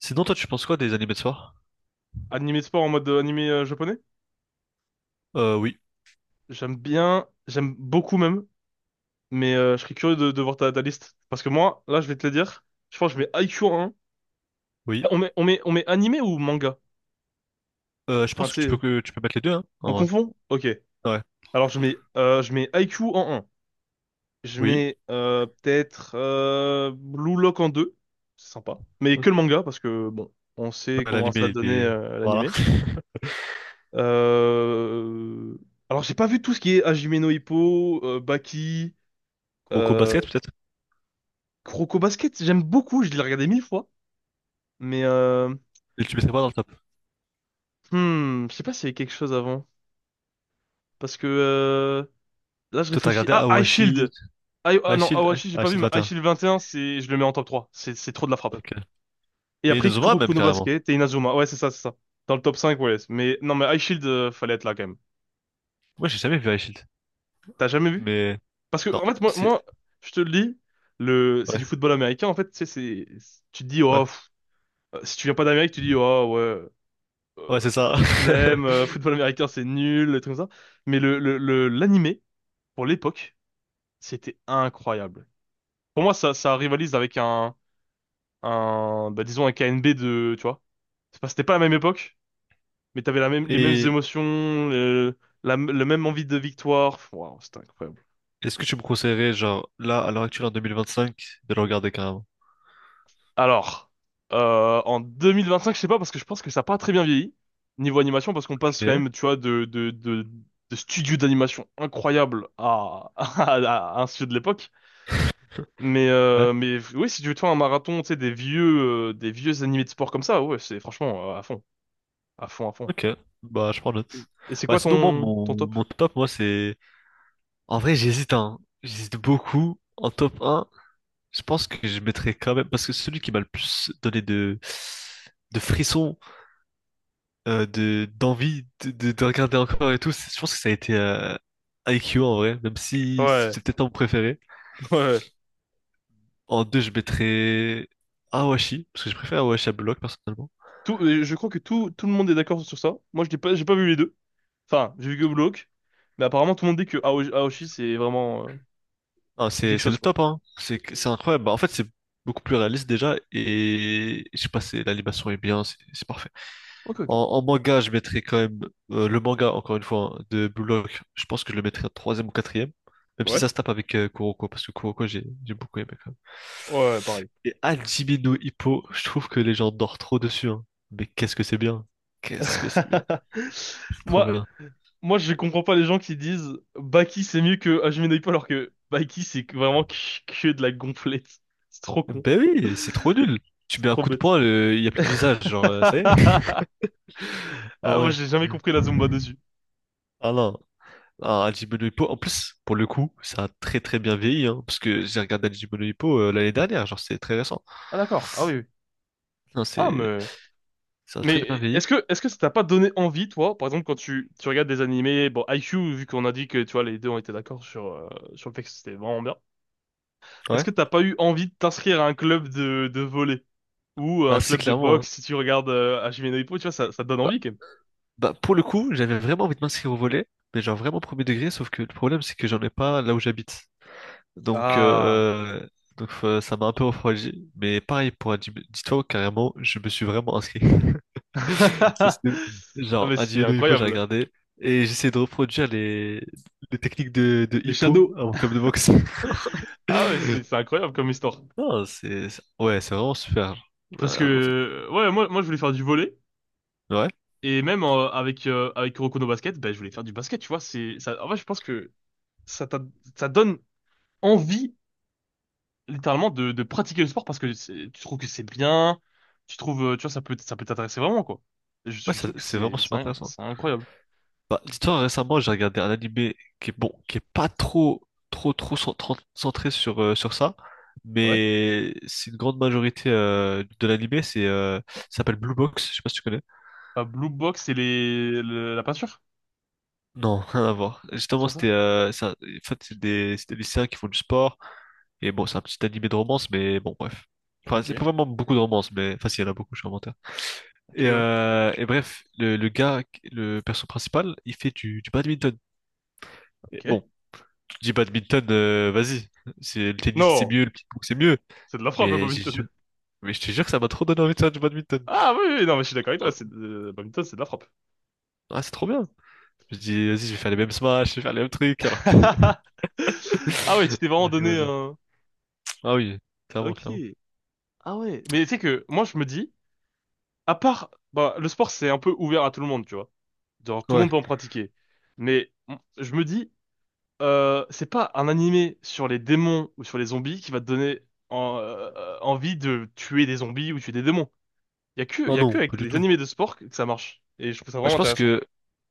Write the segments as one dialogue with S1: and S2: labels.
S1: Sinon, toi, tu penses quoi des animés de soir?
S2: Animé de sport en mode animé japonais?
S1: Oui,
S2: J'aime bien, j'aime beaucoup même, mais je serais curieux de voir ta liste. Parce que moi, là, je vais te le dire, je pense que je mets I Q en un.
S1: oui.
S2: On met animé ou manga?
S1: Je
S2: Enfin, tu
S1: pense que tu peux
S2: sais,
S1: que tu peux mettre les deux, hein,
S2: on
S1: en vrai.
S2: confond? Ok.
S1: Ouais,
S2: Alors, je mets I Q en un. Je
S1: oui.
S2: mets peut-être Blue Lock en 2. C'est sympa. Mais que le
S1: Ok.
S2: manga, parce que, bon, on sait
S1: Bah,
S2: comment ça
S1: l'animé, il
S2: donnait
S1: est... Voilà.
S2: l'animé. Euh... Alors, j'ai pas vu tout ce qui est Hajime no Ippo, Baki...
S1: Kuroko
S2: euh,
S1: Basket, peut-être?
S2: Croco Basket, j'aime beaucoup, je l'ai regardé 1 000 fois. Mais
S1: Et tu mettrais pas dans le top.
S2: je sais pas s'il y avait quelque chose avant. Parce que là, je
S1: Toi, t'as
S2: réfléchis.
S1: regardé
S2: Ah, High
S1: Awashi...
S2: Shield! Ah non,
S1: Ashield...
S2: Awashi, j'ai
S1: Ah,
S2: pas vu,
S1: Ashield
S2: mais High
S1: 21.
S2: Shield 21, c'est, je le mets en top trois. C'est trop de la frappe.
S1: Ok.
S2: Et
S1: Et
S2: après,
S1: Inazuma,
S2: Kuroko
S1: même,
S2: no
S1: carrément.
S2: Basket et Inazuma. Ouais, c'est ça, c'est ça. Dans le top cinq, ouais. Mais non, mais High Shield, fallait être là quand même.
S1: Moi, j'ai jamais vu Ashield.
S2: T'as jamais vu?
S1: Mais...
S2: Parce que,
S1: Non,
S2: en fait, moi,
S1: c'est...
S2: moi, je te le dis, c'est
S1: Ouais,
S2: du football américain. En fait, tu sais, c'est. Tu te dis,
S1: ouais.
S2: oh, pff, si tu viens pas d'Amérique, tu dis, oh, ouais.
S1: Ouais, c'est
S2: la,
S1: ça.
S2: la flemme, football américain, c'est nul, des trucs comme ça. Mais l'animé, pour l'époque, c'était incroyable. Pour moi, ça rivalise avec bah, disons un k n b tu vois. C'était pas la même époque, mais t'avais la même, les mêmes
S1: Et
S2: émotions, le, le même envie de victoire. Waouh, c'était incroyable.
S1: est-ce que tu me conseillerais, genre, là, à l'heure actuelle, en 2025, de le regarder, carrément?
S2: Alors, en 2025, je sais pas, parce que je pense que ça a pas très bien vieilli, niveau animation, parce qu'on passe quand
S1: Ok.
S2: même, tu vois, de studios d'animation incroyables à, à un studio de l'époque. Mais,
S1: Ouais.
S2: euh, mais oui, si tu veux te faire un marathon, tu sais, des vieux animés de sport comme ça, ouais, c'est franchement à fond, à fond, à fond.
S1: Ok, bah je prends note.
S2: Et, et c'est
S1: Bah
S2: quoi
S1: sinon moi
S2: ton, ton
S1: mon,
S2: top?
S1: mon top moi c'est. En vrai j'hésite hein. J'hésite beaucoup. En top un. Je pense que je mettrais quand même. Parce que celui qui m'a le plus donné de frissons, de d'envie de regarder encore et tout, je pense que ça a été I Q en vrai, même si
S2: Ouais,
S1: c'est peut-être pas mon préféré.
S2: ouais.
S1: En deux je mettrais Awashi, parce que je préfère Awashi à Block personnellement.
S2: Je crois que tout le monde est d'accord sur ça. Moi, je n'ai pas, j'ai pas vu les deux. Enfin, j'ai vu que Block, mais apparemment, tout le monde dit que Aoshi,
S1: Ah,
S2: c'est
S1: c'est
S2: quelque
S1: c'est
S2: chose,
S1: le
S2: quoi.
S1: top, hein. C'est incroyable. Bah, en fait, c'est beaucoup plus réaliste déjà. Et je sais pas, c'est l'animation est bien, c'est parfait.
S2: Ok, ok.
S1: En manga, je mettrais quand même le manga, encore une fois, hein, de Blue Lock. Je pense que je le mettrais en troisième ou quatrième. Même si ça
S2: Ouais,
S1: se tape avec Kuroko, parce que Kuroko, j'ai beaucoup aimé quand même.
S2: ouais, pareil.
S1: Et Hajime no Ippo, je trouve que les gens dorment trop dessus, hein. Mais qu'est-ce que c'est bien. Qu'est-ce que c'est bien. C'est trop
S2: Moi,
S1: bien.
S2: moi, je comprends pas les gens qui disent Baki c'est mieux que Hajime no Ippo, alors que Baki, vraiment que de la gonflette. C'est trop con,
S1: Ben oui, c'est trop nul. Tu
S2: c'est
S1: mets un
S2: trop
S1: coup de
S2: bête.
S1: poing, il n'y a plus de visage, genre, ça y est. Ah
S2: Ah, moi,
S1: ouais.
S2: j'ai jamais compris la Zumba dessus.
S1: Ah non. Ah, Hajime no Ippo, en plus, pour le coup, ça a très très bien vieilli, hein, parce que j'ai regardé Hajime no Ippo l'année dernière, genre c'est très récent.
S2: Ah d'accord, ah oui, oui.
S1: Non,
S2: Ah,
S1: c'est
S2: mais
S1: ça a très bien
S2: mais est-ce
S1: vieilli.
S2: que est-ce que ça t'a pas donné envie, toi, par exemple, quand tu regardes des animés? Bon, IQ, vu qu'on a dit que, tu vois, les deux ont été d'accord sur le fait que c'était vraiment bien. Est-ce
S1: Ouais.
S2: que t'as pas eu envie de t'inscrire à un club de volley ou à
S1: Ah
S2: un
S1: si,
S2: club de
S1: clairement, hein.
S2: boxe? Si tu regardes Hajime no Ippo, tu vois, ça te donne
S1: Bah,
S2: envie quand même.
S1: bah, pour le coup, j'avais vraiment envie de m'inscrire au volet, mais genre vraiment premier degré, sauf que le problème c'est que j'en ai pas là où j'habite. Donc
S2: Ah.
S1: euh, donc, ça m'a un peu refroidi, mais pareil pour Hajime, dis-toi carrément, je me suis vraiment inscrit. C'est ce-
S2: Ah,
S1: Genre,
S2: mais
S1: un
S2: c'est
S1: no hippo, j'ai
S2: incroyable.
S1: regardé. Et j'essaie de reproduire les techniques de
S2: Les
S1: hippo
S2: Shadows.
S1: à mon club de boxe.
S2: Ah ouais, c'est incroyable comme histoire.
S1: Non, ouais, c'est vraiment super. Ouais,
S2: Parce que
S1: en
S2: ouais, moi, moi, je voulais faire du volley
S1: ouais,
S2: et même avec Kuroko no Basket, ben je voulais faire du basket, tu vois. C'est ça, en vrai, je pense que ça t'a- ça donne envie littéralement de pratiquer le sport, parce que tu trouves que c'est bien, tu vois, ça peut t'intéresser vraiment, quoi. Et Je,
S1: ouais,
S2: je trouve que
S1: c'est vraiment super intéressant.
S2: c'est incroyable.
S1: Bah, dis-toi, récemment, j'ai regardé un animé qui est bon, qui est pas trop, trop, trop centré sur, sur ça.
S2: Ouais.
S1: Mais c'est une grande majorité de l'animé, ça s'appelle Blue Box, je sais pas si tu connais.
S2: Pas Blue Box et la peinture?
S1: Non, rien à voir.
S2: Ah, c'est
S1: Justement,
S2: pas ça?
S1: en fait, c'est des lycéens qui font du sport. Et bon, c'est un petit animé de romance, mais bon, bref. Enfin, c'est
S2: OK.
S1: pas vraiment beaucoup de romance, mais enfin, si, il y en a beaucoup, je suis un menteur.
S2: OK,
S1: Et,
S2: ouais.
S1: euh, et bref, le gars, le perso principal, il fait du badminton. Et
S2: OK.
S1: bon, tu dis badminton, vas-y. Le tennis, c'est
S2: Non.
S1: mieux, le ping-pong, c'est mieux.
S2: C'est de la frappe, le
S1: Mais, j'ai ju-
S2: badminton.
S1: mais, je te jure que ça m'a trop donné envie de faire du badminton.
S2: Ah oui, oui, non, mais je suis d'accord avec toi, le badminton, c'est de la frappe.
S1: Ah, c'est trop bien. Je me dis, vas-y, je vais faire les mêmes smash, je vais faire les mêmes trucs, alors que...
S2: Ah ouais, tu t'es vraiment
S1: alors que,
S2: donné
S1: vas-y.
S2: un...
S1: Ah oui, clairement,
S2: Ok.
S1: clairement.
S2: Ah ouais. Mais tu sais que, moi, je me dis, à part... Bah, le sport, c'est un peu ouvert à tout le monde, tu vois. Genre, tout le monde
S1: Ouais.
S2: peut en pratiquer. Mais je me dis, c'est pas un animé sur les démons ou sur les zombies qui va te donner envie de tuer des zombies ou tuer des démons. Il y a que, il
S1: Non,
S2: y a que
S1: non,
S2: avec
S1: pas du
S2: les
S1: tout.
S2: animés de sport que ça marche. Et je trouve ça
S1: Bah,
S2: vraiment
S1: je pense
S2: intéressant.
S1: que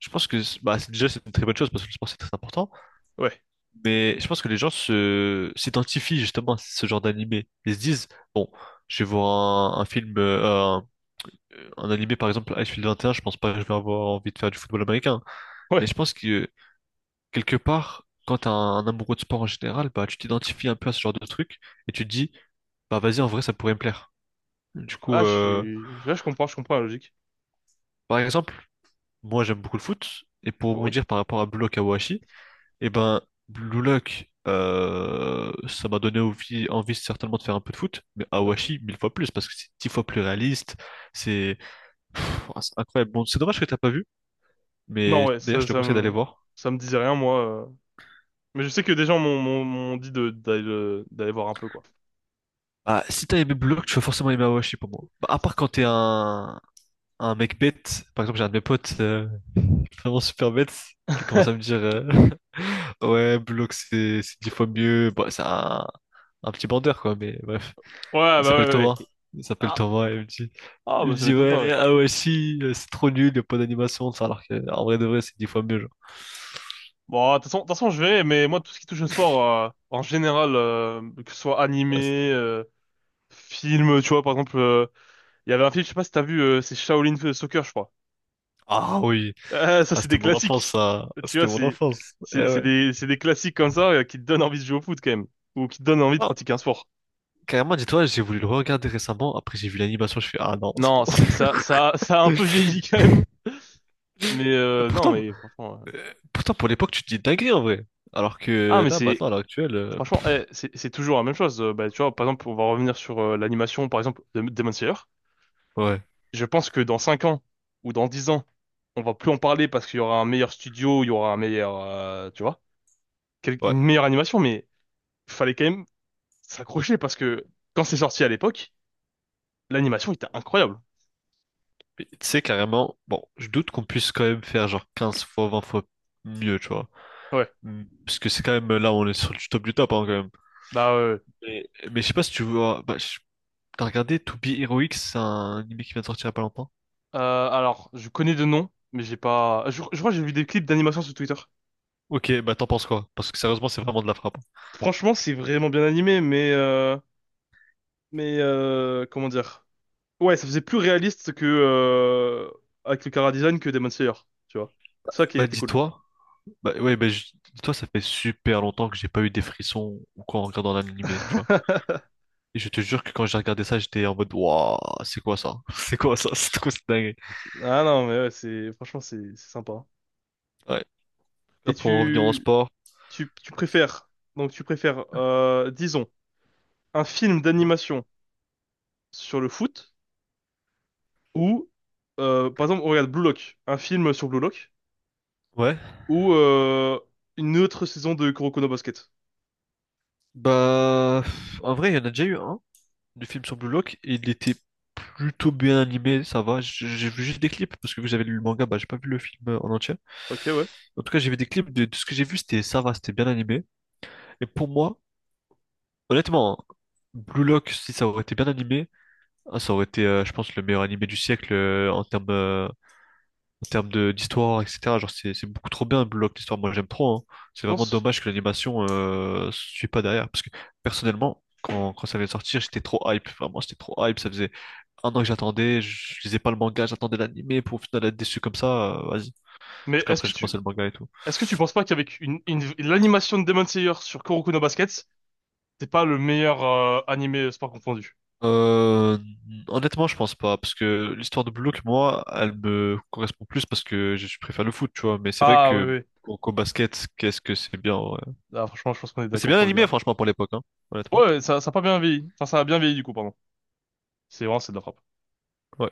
S1: je pense que bah, déjà c'est une très bonne chose parce que le sport c'est très important,
S2: Ouais.
S1: mais je pense que les gens se s'identifient justement à ce genre d'animé. Ils se disent bon, je vais voir un film un, un animé par exemple Icefield 21, je pense pas que je vais avoir envie de faire du football américain, mais je
S2: Ouais.
S1: pense que quelque part quand t'es un amoureux de sport en général, bah tu t'identifies un peu à ce genre de truc et tu te dis bah vas-y en vrai ça pourrait me plaire. Du coup,
S2: Ah, ouais, je comprends la logique.
S1: par exemple, moi j'aime beaucoup le foot et pour
S2: Oui.
S1: rebondir par rapport à Bloc. Eh ben, Blue Lock, ça m'a donné envie, envie certainement de faire un peu de foot, mais Awashi, 1000 fois plus, parce que c'est 10 fois plus réaliste, c'est pff, ah, c'est incroyable. Bon, c'est dommage que t'as pas vu,
S2: Non,
S1: mais
S2: ouais,
S1: d'ailleurs, je te conseille d'aller voir.
S2: ça me disait rien, moi. Mais je sais que des gens m'ont dit d'aller voir un peu, quoi.
S1: Ah, si t'as aimé Blue Lock, tu vas forcément aimer Awashi pour moi. Bah, à part quand t'es un mec bête, par exemple, j'ai un de mes potes vraiment super bête, il commence à me dire Ouais, Blue Lock, c'est 10 fois mieux. Bon, c'est un petit bandeur, quoi, mais bref.
S2: Ouais, bah
S1: Il
S2: ouais,
S1: s'appelle
S2: ouais,
S1: Thomas.
S2: ouais.
S1: Il s'appelle
S2: Ah,
S1: Thomas et
S2: ah
S1: il me
S2: bah ça
S1: dit
S2: m'étonne pas, ouais.
S1: ouais, ah ouais, si, c'est trop nul, il n'y a pas d'animation, ça, alors que, en vrai de vrai, c'est 10 fois mieux, genre.
S2: Bon, de toute façon, je verrai, mais moi, tout ce qui touche au sport, en général, que ce soit
S1: Ah c'est-
S2: animé, film, tu vois, par exemple, il y avait un film, je sais pas si t'as vu, c'est Shaolin Soccer, je crois.
S1: ah oui,
S2: Ah, ça,
S1: ah,
S2: c'est
S1: c'était
S2: des
S1: mon enfance,
S2: classiques.
S1: ça. Ah,
S2: Tu
S1: c'était
S2: vois,
S1: mon enfance. Eh ouais.
S2: c'est des classiques comme ça qui te donnent envie de jouer au foot quand même. Ou qui te donnent envie de
S1: Ah,
S2: pratiquer un sport.
S1: carrément, dis-toi, j'ai voulu le regarder récemment, après j'ai vu l'animation, je fais, ah non, c'est
S2: Non,
S1: bon.
S2: ça a un peu vieilli quand même. Mais,
S1: Euh,
S2: non,
S1: Pourtant,
S2: mais franchement.
S1: pourtant, pour l'époque, tu te dis dinguerie en vrai. Alors
S2: Ah,
S1: que
S2: mais
S1: là, maintenant, à l'heure actuelle,
S2: franchement, eh, c'est toujours la même chose. Bah, tu vois, par exemple, on va revenir sur l'animation, par exemple, de Demon Slayer.
S1: ouais,
S2: Je pense que dans 5 ans ou dans 10 ans, on va plus en parler, parce qu'il y aura un meilleur studio, il y aura un meilleur, tu vois,
S1: ouais.
S2: une meilleure animation. Mais fallait quand même s'accrocher, parce que quand c'est sorti à l'époque, l'animation était incroyable.
S1: Mais tu sais, carrément, bon, je doute qu'on puisse quand même faire genre 15 fois, 20 fois mieux, tu vois.
S2: Ouais.
S1: Hmm. Parce que c'est quand même là, on est sur du top hein, quand même.
S2: Bah,
S1: Mais, je sais pas si tu vois. Bah, t'as regardé To Be Heroic, c'est un anime qui vient de sortir il y a pas longtemps.
S2: euh, alors, je connais de nom, mais j'ai pas. Je crois que j'ai vu des clips d'animation sur Twitter.
S1: Ok, bah t'en penses quoi? Parce que sérieusement, c'est vraiment de la frappe.
S2: Franchement, c'est vraiment bien animé, comment dire? Ouais, ça faisait plus réaliste que avec le chara design que Demon Slayer, tu vois. C'est ça qui
S1: Bah
S2: était cool.
S1: dis-toi, bah ouais, dis-toi, ça fait super longtemps que j'ai pas eu des frissons ou quoi en regardant l'anime, tu vois. Et je te jure que quand j'ai regardé ça, j'étais en mode, waouh, c'est quoi ça? C'est quoi ça? C'est quoi cette dinguerie?
S2: Ah non, mais ouais, c'est franchement c'est sympa, hein.
S1: Ouais. Là,
S2: Et
S1: pour en revenir en
S2: tu
S1: sport.
S2: tu tu préfères donc tu préfères disons un film d'animation sur le foot. Ou, par exemple, on regarde Blue Lock, un film sur Blue Lock,
S1: Ouais.
S2: ou une autre saison de Kuroko no Basket.
S1: Bah, en vrai, il y en a déjà eu un, du film sur Blue Lock et il était plutôt bien animé, ça va. J'ai vu juste des clips parce que vous avez lu le manga, bah, j'ai pas vu le film en entier.
S2: Ok, ouais,
S1: En tout cas, j'ai vu des clips de ce que j'ai vu, c'était ça va, c'était bien animé. Et pour moi, honnêtement, Blue Lock, si ça aurait été bien animé, ah, ça aurait été, je pense, le meilleur animé du siècle en termes de d'histoire, etc. Genre, c'est beaucoup trop bien, Block, l'histoire. Moi, j'aime trop, hein.
S2: tu
S1: C'est vraiment
S2: penses.
S1: dommage que l'animation suit pas derrière. Parce que personnellement, quand ça allait sortir, j'étais trop hype. Vraiment, j'étais trop hype. Ça faisait un an que j'attendais. Je lisais pas le manga, j'attendais l'animé pour au final être déçu comme ça, vas-y. Du
S2: Mais
S1: coup, après, j'ai commencé le manga et tout.
S2: est-ce que tu penses pas qu'avec l'animation de Demon Slayer sur Kuroko no Basket, c'est pas le meilleur animé sport confondu?
S1: Euh, Honnêtement, je pense pas. Parce que l'histoire de Block, moi, elle me correspond plus parce que je préfère le foot, tu vois. Mais c'est vrai
S2: Ah oui,
S1: que.
S2: oui.
S1: Au basket, qu'est-ce que c'est bien, ouais.
S2: Ah, franchement, je pense qu'on est
S1: Mais c'est
S2: d'accord
S1: bien
S2: pour le dire.
S1: animé, franchement, pour l'époque, hein, honnêtement.
S2: Ouais, ça a pas bien vieilli. Enfin, ça a bien vieilli, du coup, pardon. C'est de la frappe.
S1: Ouais.